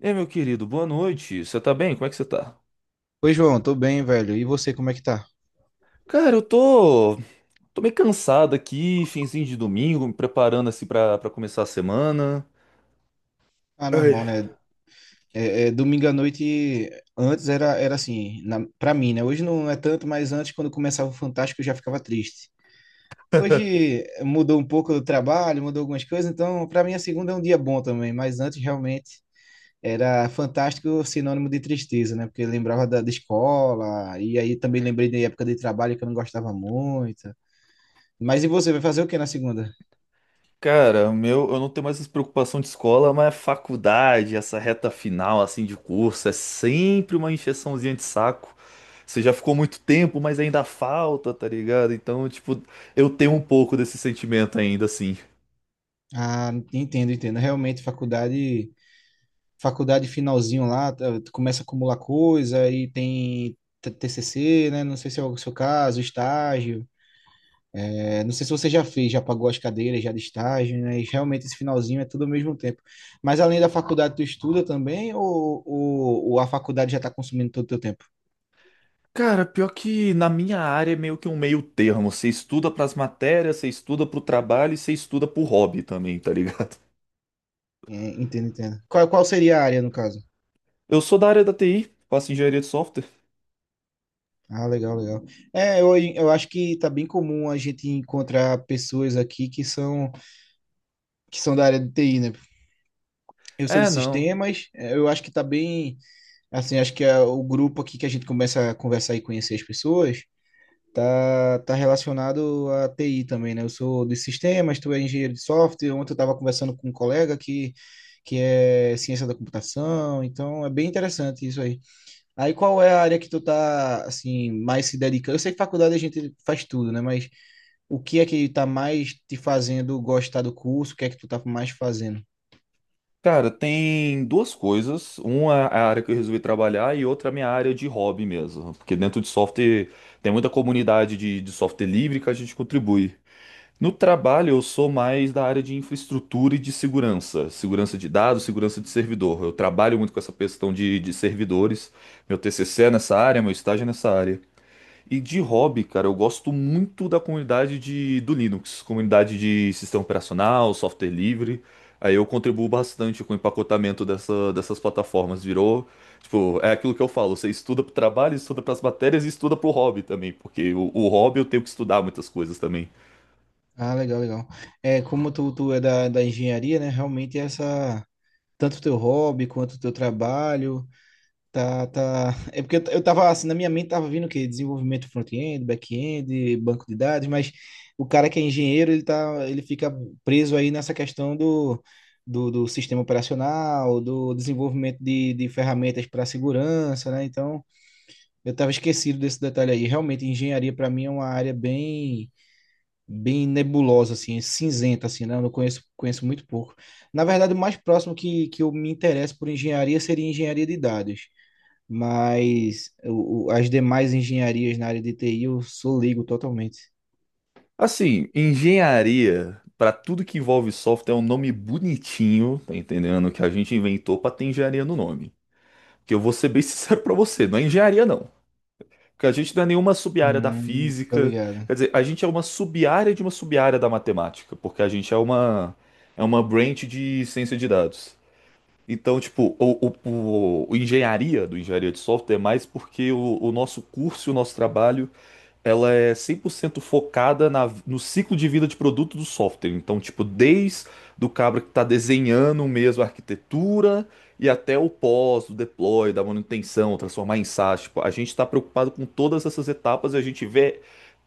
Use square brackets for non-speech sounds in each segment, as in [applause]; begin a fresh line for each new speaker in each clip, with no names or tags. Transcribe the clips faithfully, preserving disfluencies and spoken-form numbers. Ei, meu querido, boa noite. Você tá bem? Como é que você tá?
Oi, João, tô bem, velho. E você, como é que tá?
Cara, eu tô, tô meio cansado aqui, finzinho de domingo, me preparando assim pra, pra começar a semana.
Ah,
Ai,
normal, né? É, é, domingo à noite, antes era, era assim, na, pra mim, né? Hoje não é tanto, mas antes, quando começava o Fantástico, eu já ficava triste. Hoje eh, mudou um pouco o trabalho, mudou algumas coisas, então pra mim a segunda é um dia bom também, mas antes realmente era Fantástico sinônimo de tristeza, né? Porque eu lembrava da, da escola, e aí também lembrei da época de trabalho que eu não gostava muito. Mas e você, vai fazer o que na segunda?
cara, o meu, eu não tenho mais essa preocupação de escola, mas a faculdade, essa reta final assim de curso, é sempre uma encheçãozinha de saco. Você já ficou muito tempo, mas ainda falta, tá ligado? Então, tipo, eu tenho um pouco desse sentimento ainda assim.
Ah, entendo, entendo. Realmente, faculdade. Faculdade finalzinho lá, tá, tu começa a acumular coisa e tem t- TCC, né? Não sei se é o seu caso, estágio. É, não sei se você já fez, já pagou as cadeiras já de estágio, né? E realmente esse finalzinho é tudo ao mesmo tempo. Mas além da faculdade, tu estuda também ou, ou, ou a faculdade já está consumindo todo o teu tempo?
Cara, pior que na minha área é meio que um meio termo. Você estuda pras matérias, você estuda pro trabalho e você estuda pro hobby também, tá ligado?
É, entendo, entendo. Qual, qual seria a área, no caso?
[laughs] Eu sou da área da T I, faço engenharia de software.
Ah, legal, legal. É, eu, eu acho que tá bem comum a gente encontrar pessoas aqui que são que são da área de T I, né? Eu sou de
É, não.
sistemas, eh, eu acho que tá bem. Assim, acho que é o grupo aqui que a gente começa a conversar e conhecer as pessoas, tá, tá relacionado à T I também, né? Eu sou de sistemas, tu é engenheiro de software. Ontem eu estava conversando com um colega que, que é ciência da computação, então é bem interessante isso aí. Aí qual é a área que tu tá, assim, mais se dedicando? Eu sei que faculdade a gente faz tudo, né? Mas o que é que tá mais te fazendo gostar do curso? O que é que tu tá mais fazendo?
Cara, tem duas coisas. Uma é a área que eu resolvi trabalhar e outra é a minha área de hobby mesmo. Porque dentro de software tem muita comunidade de, de software livre que a gente contribui. No trabalho, eu sou mais da área de infraestrutura e de segurança. Segurança de dados, segurança de servidor. Eu trabalho muito com essa questão de, de servidores. Meu T C C é nessa área, meu estágio é nessa área. E de hobby, cara, eu gosto muito da comunidade de, do Linux, comunidade de sistema operacional, software livre. Aí eu contribuo bastante com o empacotamento dessa- dessas plataformas. Virou, tipo, é aquilo que eu falo, você estuda pro trabalho, estuda pras matérias e estuda pro hobby também, porque o, o hobby eu tenho que estudar muitas coisas também.
Ah, legal, legal. É, como tu, tu é da, da engenharia, né? Realmente essa, tanto o teu hobby quanto o teu trabalho. Tá, tá. É porque eu t- eu tava assim, na minha mente tava vindo o quê? Desenvolvimento front-end, back-end, banco de dados, mas o cara que é engenheiro, ele tá, ele fica preso aí nessa questão do, do, do sistema operacional, do desenvolvimento de, de ferramentas para segurança, né? Então, eu tava esquecido desse detalhe aí. Realmente, engenharia para mim é uma área bem, bem nebulosa, assim, cinzenta, assim, né? Eu não conheço, conheço muito pouco. Na verdade, o mais próximo que, que eu me interesso por engenharia seria engenharia de dados, mas o, o- as demais engenharias na área de T I eu sou leigo totalmente.
Assim, engenharia, para tudo que envolve software, é um nome bonitinho, tá entendendo? Que a gente inventou pra ter engenharia no nome. Que eu vou ser bem [laughs] sincero pra você, não é engenharia não. Que a gente não é nenhuma sub-área da
Hum, tô
física,
ligado.
quer dizer, a gente é uma sub-área de uma sub-área da matemática, porque a gente é uma é uma branch de ciência de dados. Então, tipo, o, o- o- o engenharia do engenharia de software é mais porque o, o nosso curso, e o nosso trabalho, ela é cem por cento focada na- no ciclo de vida de produto do software. Então, tipo, desde do cabra que está desenhando mesmo a arquitetura e até o pós, do deploy, da manutenção, transformar em SaaS. Tipo, a gente está preocupado com todas essas etapas e a gente vê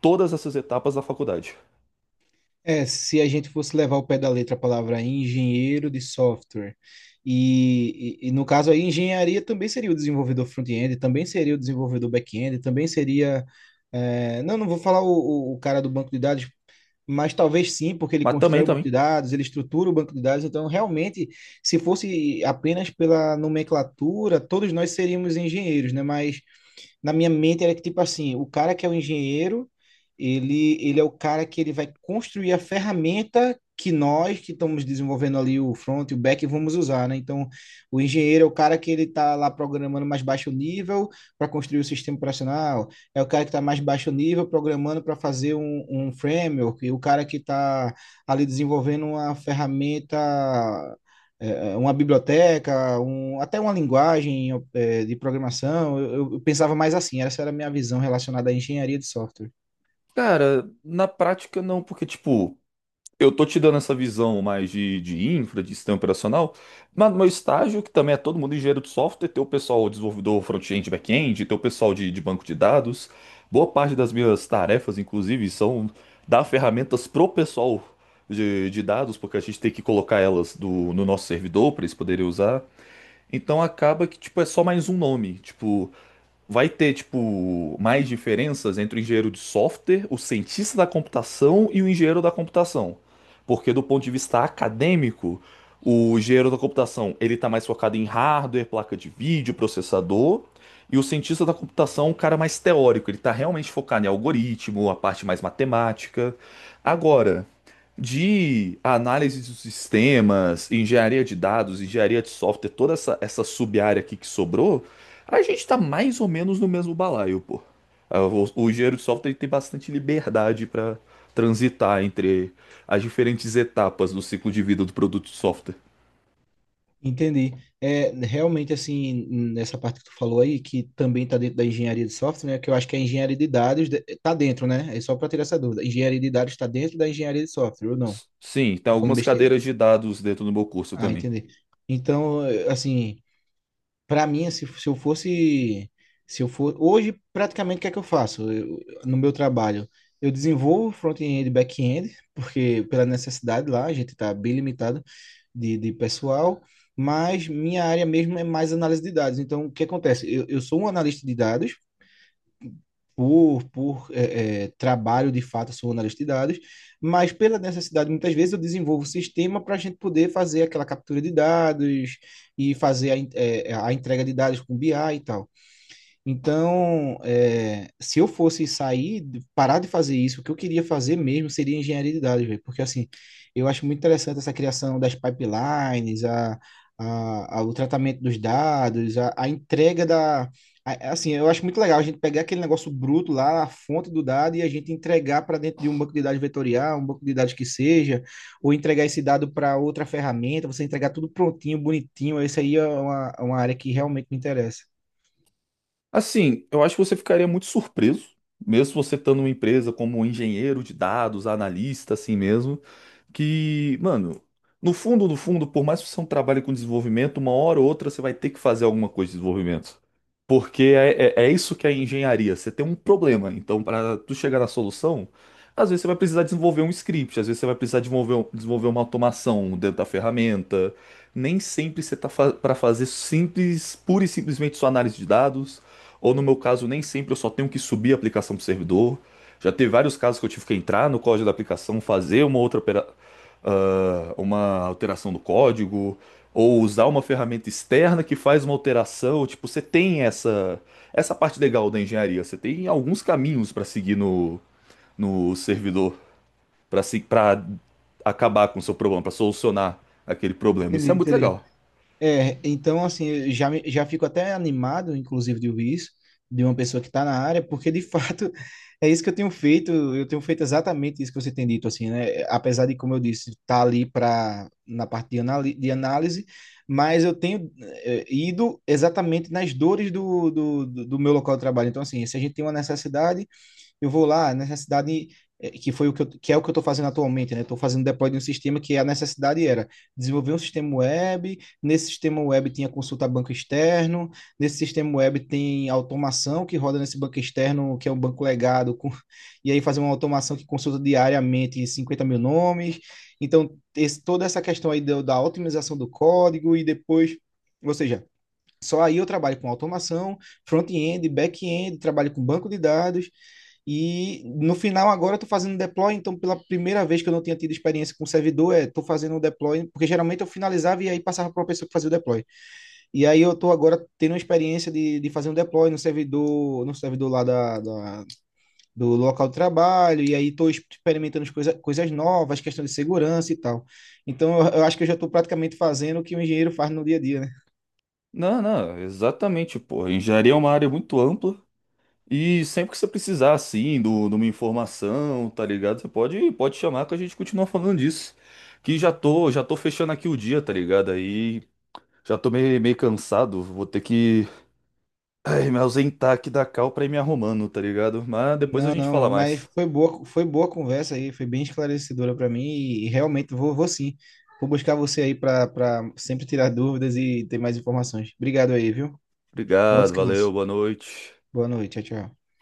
todas essas etapas da faculdade.
É, se a gente fosse levar ao pé da letra a palavra engenheiro de software, e, e, e no caso aí, engenharia também seria o desenvolvedor front-end, também seria o desenvolvedor back-end, também seria. É, não, não vou falar o, o- o cara do banco de dados, mas talvez sim, porque ele
Mas
constrói
também,
o banco de
também.
dados, ele estrutura o banco de dados, então realmente, se fosse apenas pela nomenclatura, todos nós seríamos engenheiros, né? Mas na minha mente era que, tipo assim, o cara que é o engenheiro, ele, ele é o cara que ele vai construir a ferramenta que nós que estamos desenvolvendo ali o front e o back vamos usar, né? Então, o engenheiro é o cara que ele está lá programando mais baixo nível para construir o sistema operacional, é o cara que está mais baixo nível programando para fazer um, um framework, e o cara que está ali desenvolvendo uma ferramenta, é, é, uma biblioteca, um, até uma linguagem, é, de programação. Eu, eu pensava mais assim, essa era a minha visão relacionada à engenharia de software.
Cara, na prática não, porque, tipo. Eu tô te dando essa visão mais de, de infra, de sistema operacional, mas no meu estágio, que também é todo mundo engenheiro de software, tem o pessoal desenvolvedor front-end, back-end, tem o pessoal de, de banco de dados. Boa parte das minhas tarefas, inclusive, são dar ferramentas pro pessoal de, de dados, porque a gente tem que colocar elas do- no nosso servidor para eles poderem usar. Então acaba que, tipo, é só mais um nome. Tipo, vai ter, tipo, mais diferenças entre o engenheiro de software, o cientista da computação e o engenheiro da computação. Porque do ponto de vista acadêmico, o engenheiro da computação, ele tá mais focado em hardware, placa de vídeo, processador, e o cientista da computação, é um cara mais teórico, ele tá realmente focado em algoritmo, a parte mais matemática. Agora, de análise de sistemas, engenharia de dados, engenharia de software, toda essa, essa sub-área aqui que sobrou, a gente tá mais ou menos no mesmo balaio, pô. Ah, O, o engenheiro de software ele tem bastante liberdade para transitar entre as diferentes etapas do ciclo de vida do produto de software.
Entendi. É, realmente, assim, nessa parte que tu falou aí, que também está dentro da engenharia de software, né, que eu acho que a engenharia de dados está dentro, né? É só para tirar essa dúvida. Engenharia de dados está dentro da engenharia de software, ou não?
S- Sim, tem
Tô falando
algumas
besteira.
cadeiras de dados dentro do meu curso
Ah,
também.
entendi. Então, assim, para mim, se, se eu fosse, se eu for, hoje praticamente o que é que eu faço Eu- no meu trabalho? Eu desenvolvo front-end e back-end, porque pela necessidade lá, a gente está bem limitado de, de pessoal, mas minha área mesmo é mais análise de dados. Então, o que acontece? Eu, eu sou um analista de dados, por, por é, é, trabalho, de fato, sou analista de dados, mas pela necessidade, muitas vezes eu desenvolvo o sistema para a gente poder fazer aquela captura de dados e fazer a, en- é, a entrega de dados com B I e tal. Então, é, se eu fosse sair, parar de fazer isso, o que eu queria fazer mesmo seria engenharia de dados, velho. Porque, assim, eu acho muito interessante essa criação das pipelines, a, a, a- o tratamento dos dados, a, a entrega da. A- assim, eu acho muito legal a gente pegar aquele negócio bruto lá, a fonte do dado, e a gente entregar para dentro de um banco de dados vetorial, um banco de dados que seja, ou entregar esse dado para outra ferramenta, você entregar tudo prontinho, bonitinho. Isso aí é uma, uma área que realmente me interessa.
Assim, eu acho que você ficaria muito surpreso, mesmo você estando numa empresa como um engenheiro de dados, analista, assim mesmo. Que, mano, no fundo, no fundo, por mais que você não trabalhe com desenvolvimento, uma hora ou outra você vai ter que fazer alguma coisa de desenvolvimento. Porque é, é, é isso que é engenharia. Você tem um problema, então para tu chegar na solução, às vezes você vai precisar desenvolver um script, às vezes você vai precisar desenvolver, um- desenvolver uma automação dentro da ferramenta. Nem sempre você tá fa para fazer simples, pura e simplesmente sua análise de dados. Ou no meu caso, nem sempre eu só tenho que subir a aplicação para o servidor. Já teve vários casos que eu tive que entrar no código da aplicação, fazer uma outra opera- ah, uma alteração do código, ou usar uma ferramenta externa que faz uma alteração. Tipo, você tem essa, essa parte legal da engenharia, você tem alguns caminhos para seguir no, no servidor, para se, para acabar com o seu problema, para solucionar aquele problema. Isso
Entendi,
é muito
entendi.
legal.
É, então, assim, eu já, me- já fico até animado, inclusive, de ouvir isso, de uma pessoa que está na área, porque, de [laughs] fato, é isso que eu tenho feito, eu tenho feito exatamente isso que você tem dito, assim, né? Apesar de, como eu disse, estar tá ali pra, na parte de, anali- de análise, mas eu tenho eh, ido exatamente nas dores do, do, do do meu local de trabalho. Então, assim, se a gente tem uma necessidade, eu vou lá, a necessidade, eh, que foi o que, eu, que é o que eu estou fazendo atualmente, né? Estou fazendo deploy de um sistema que a necessidade era desenvolver um sistema web, nesse sistema web tinha consulta a banco externo, nesse sistema web tem automação que roda nesse banco externo, que é um banco legado, com, [laughs] e aí fazer uma automação que consulta diariamente cinquenta mil nomes. Então, esse, toda essa questão aí da, da otimização do código e depois, ou seja, só aí eu trabalho com automação, front-end, back-end, trabalho com banco de dados, e no final agora eu tô fazendo deploy, então pela primeira vez que eu não tinha tido experiência com servidor, é, tô fazendo o deploy, porque geralmente eu finalizava e aí passava para uma pessoa que fazia o deploy. E aí eu tô agora tendo uma experiência de, de fazer um deploy no servidor, no servidor lá da, da- do local de trabalho, e aí tô experimentando as coisa, coisas novas, questão de segurança e tal. Então eu, eu acho que eu já tô praticamente fazendo o que o engenheiro faz no dia a dia, né?
Não, não, exatamente, pô. Engenharia é uma área muito ampla. E sempre que você precisar, assim, do, de uma informação, tá ligado? Você pode, pode chamar que a gente continua falando disso. Que já tô, já tô fechando aqui o dia, tá ligado? Aí já tô meio, meio cansado. Vou ter que, ai, me ausentar aqui da cal pra ir me arrumando, tá ligado? Mas depois a
Não,
gente
não,
fala
mas
mais.
foi boa, foi boa a conversa aí, foi bem esclarecedora para mim e, e realmente vou, vou sim. Vou buscar você aí para sempre tirar dúvidas e ter mais informações. Obrigado aí, viu? Bom
Obrigado, valeu,
descanso.
boa noite.
Boa noite, tchau, tchau.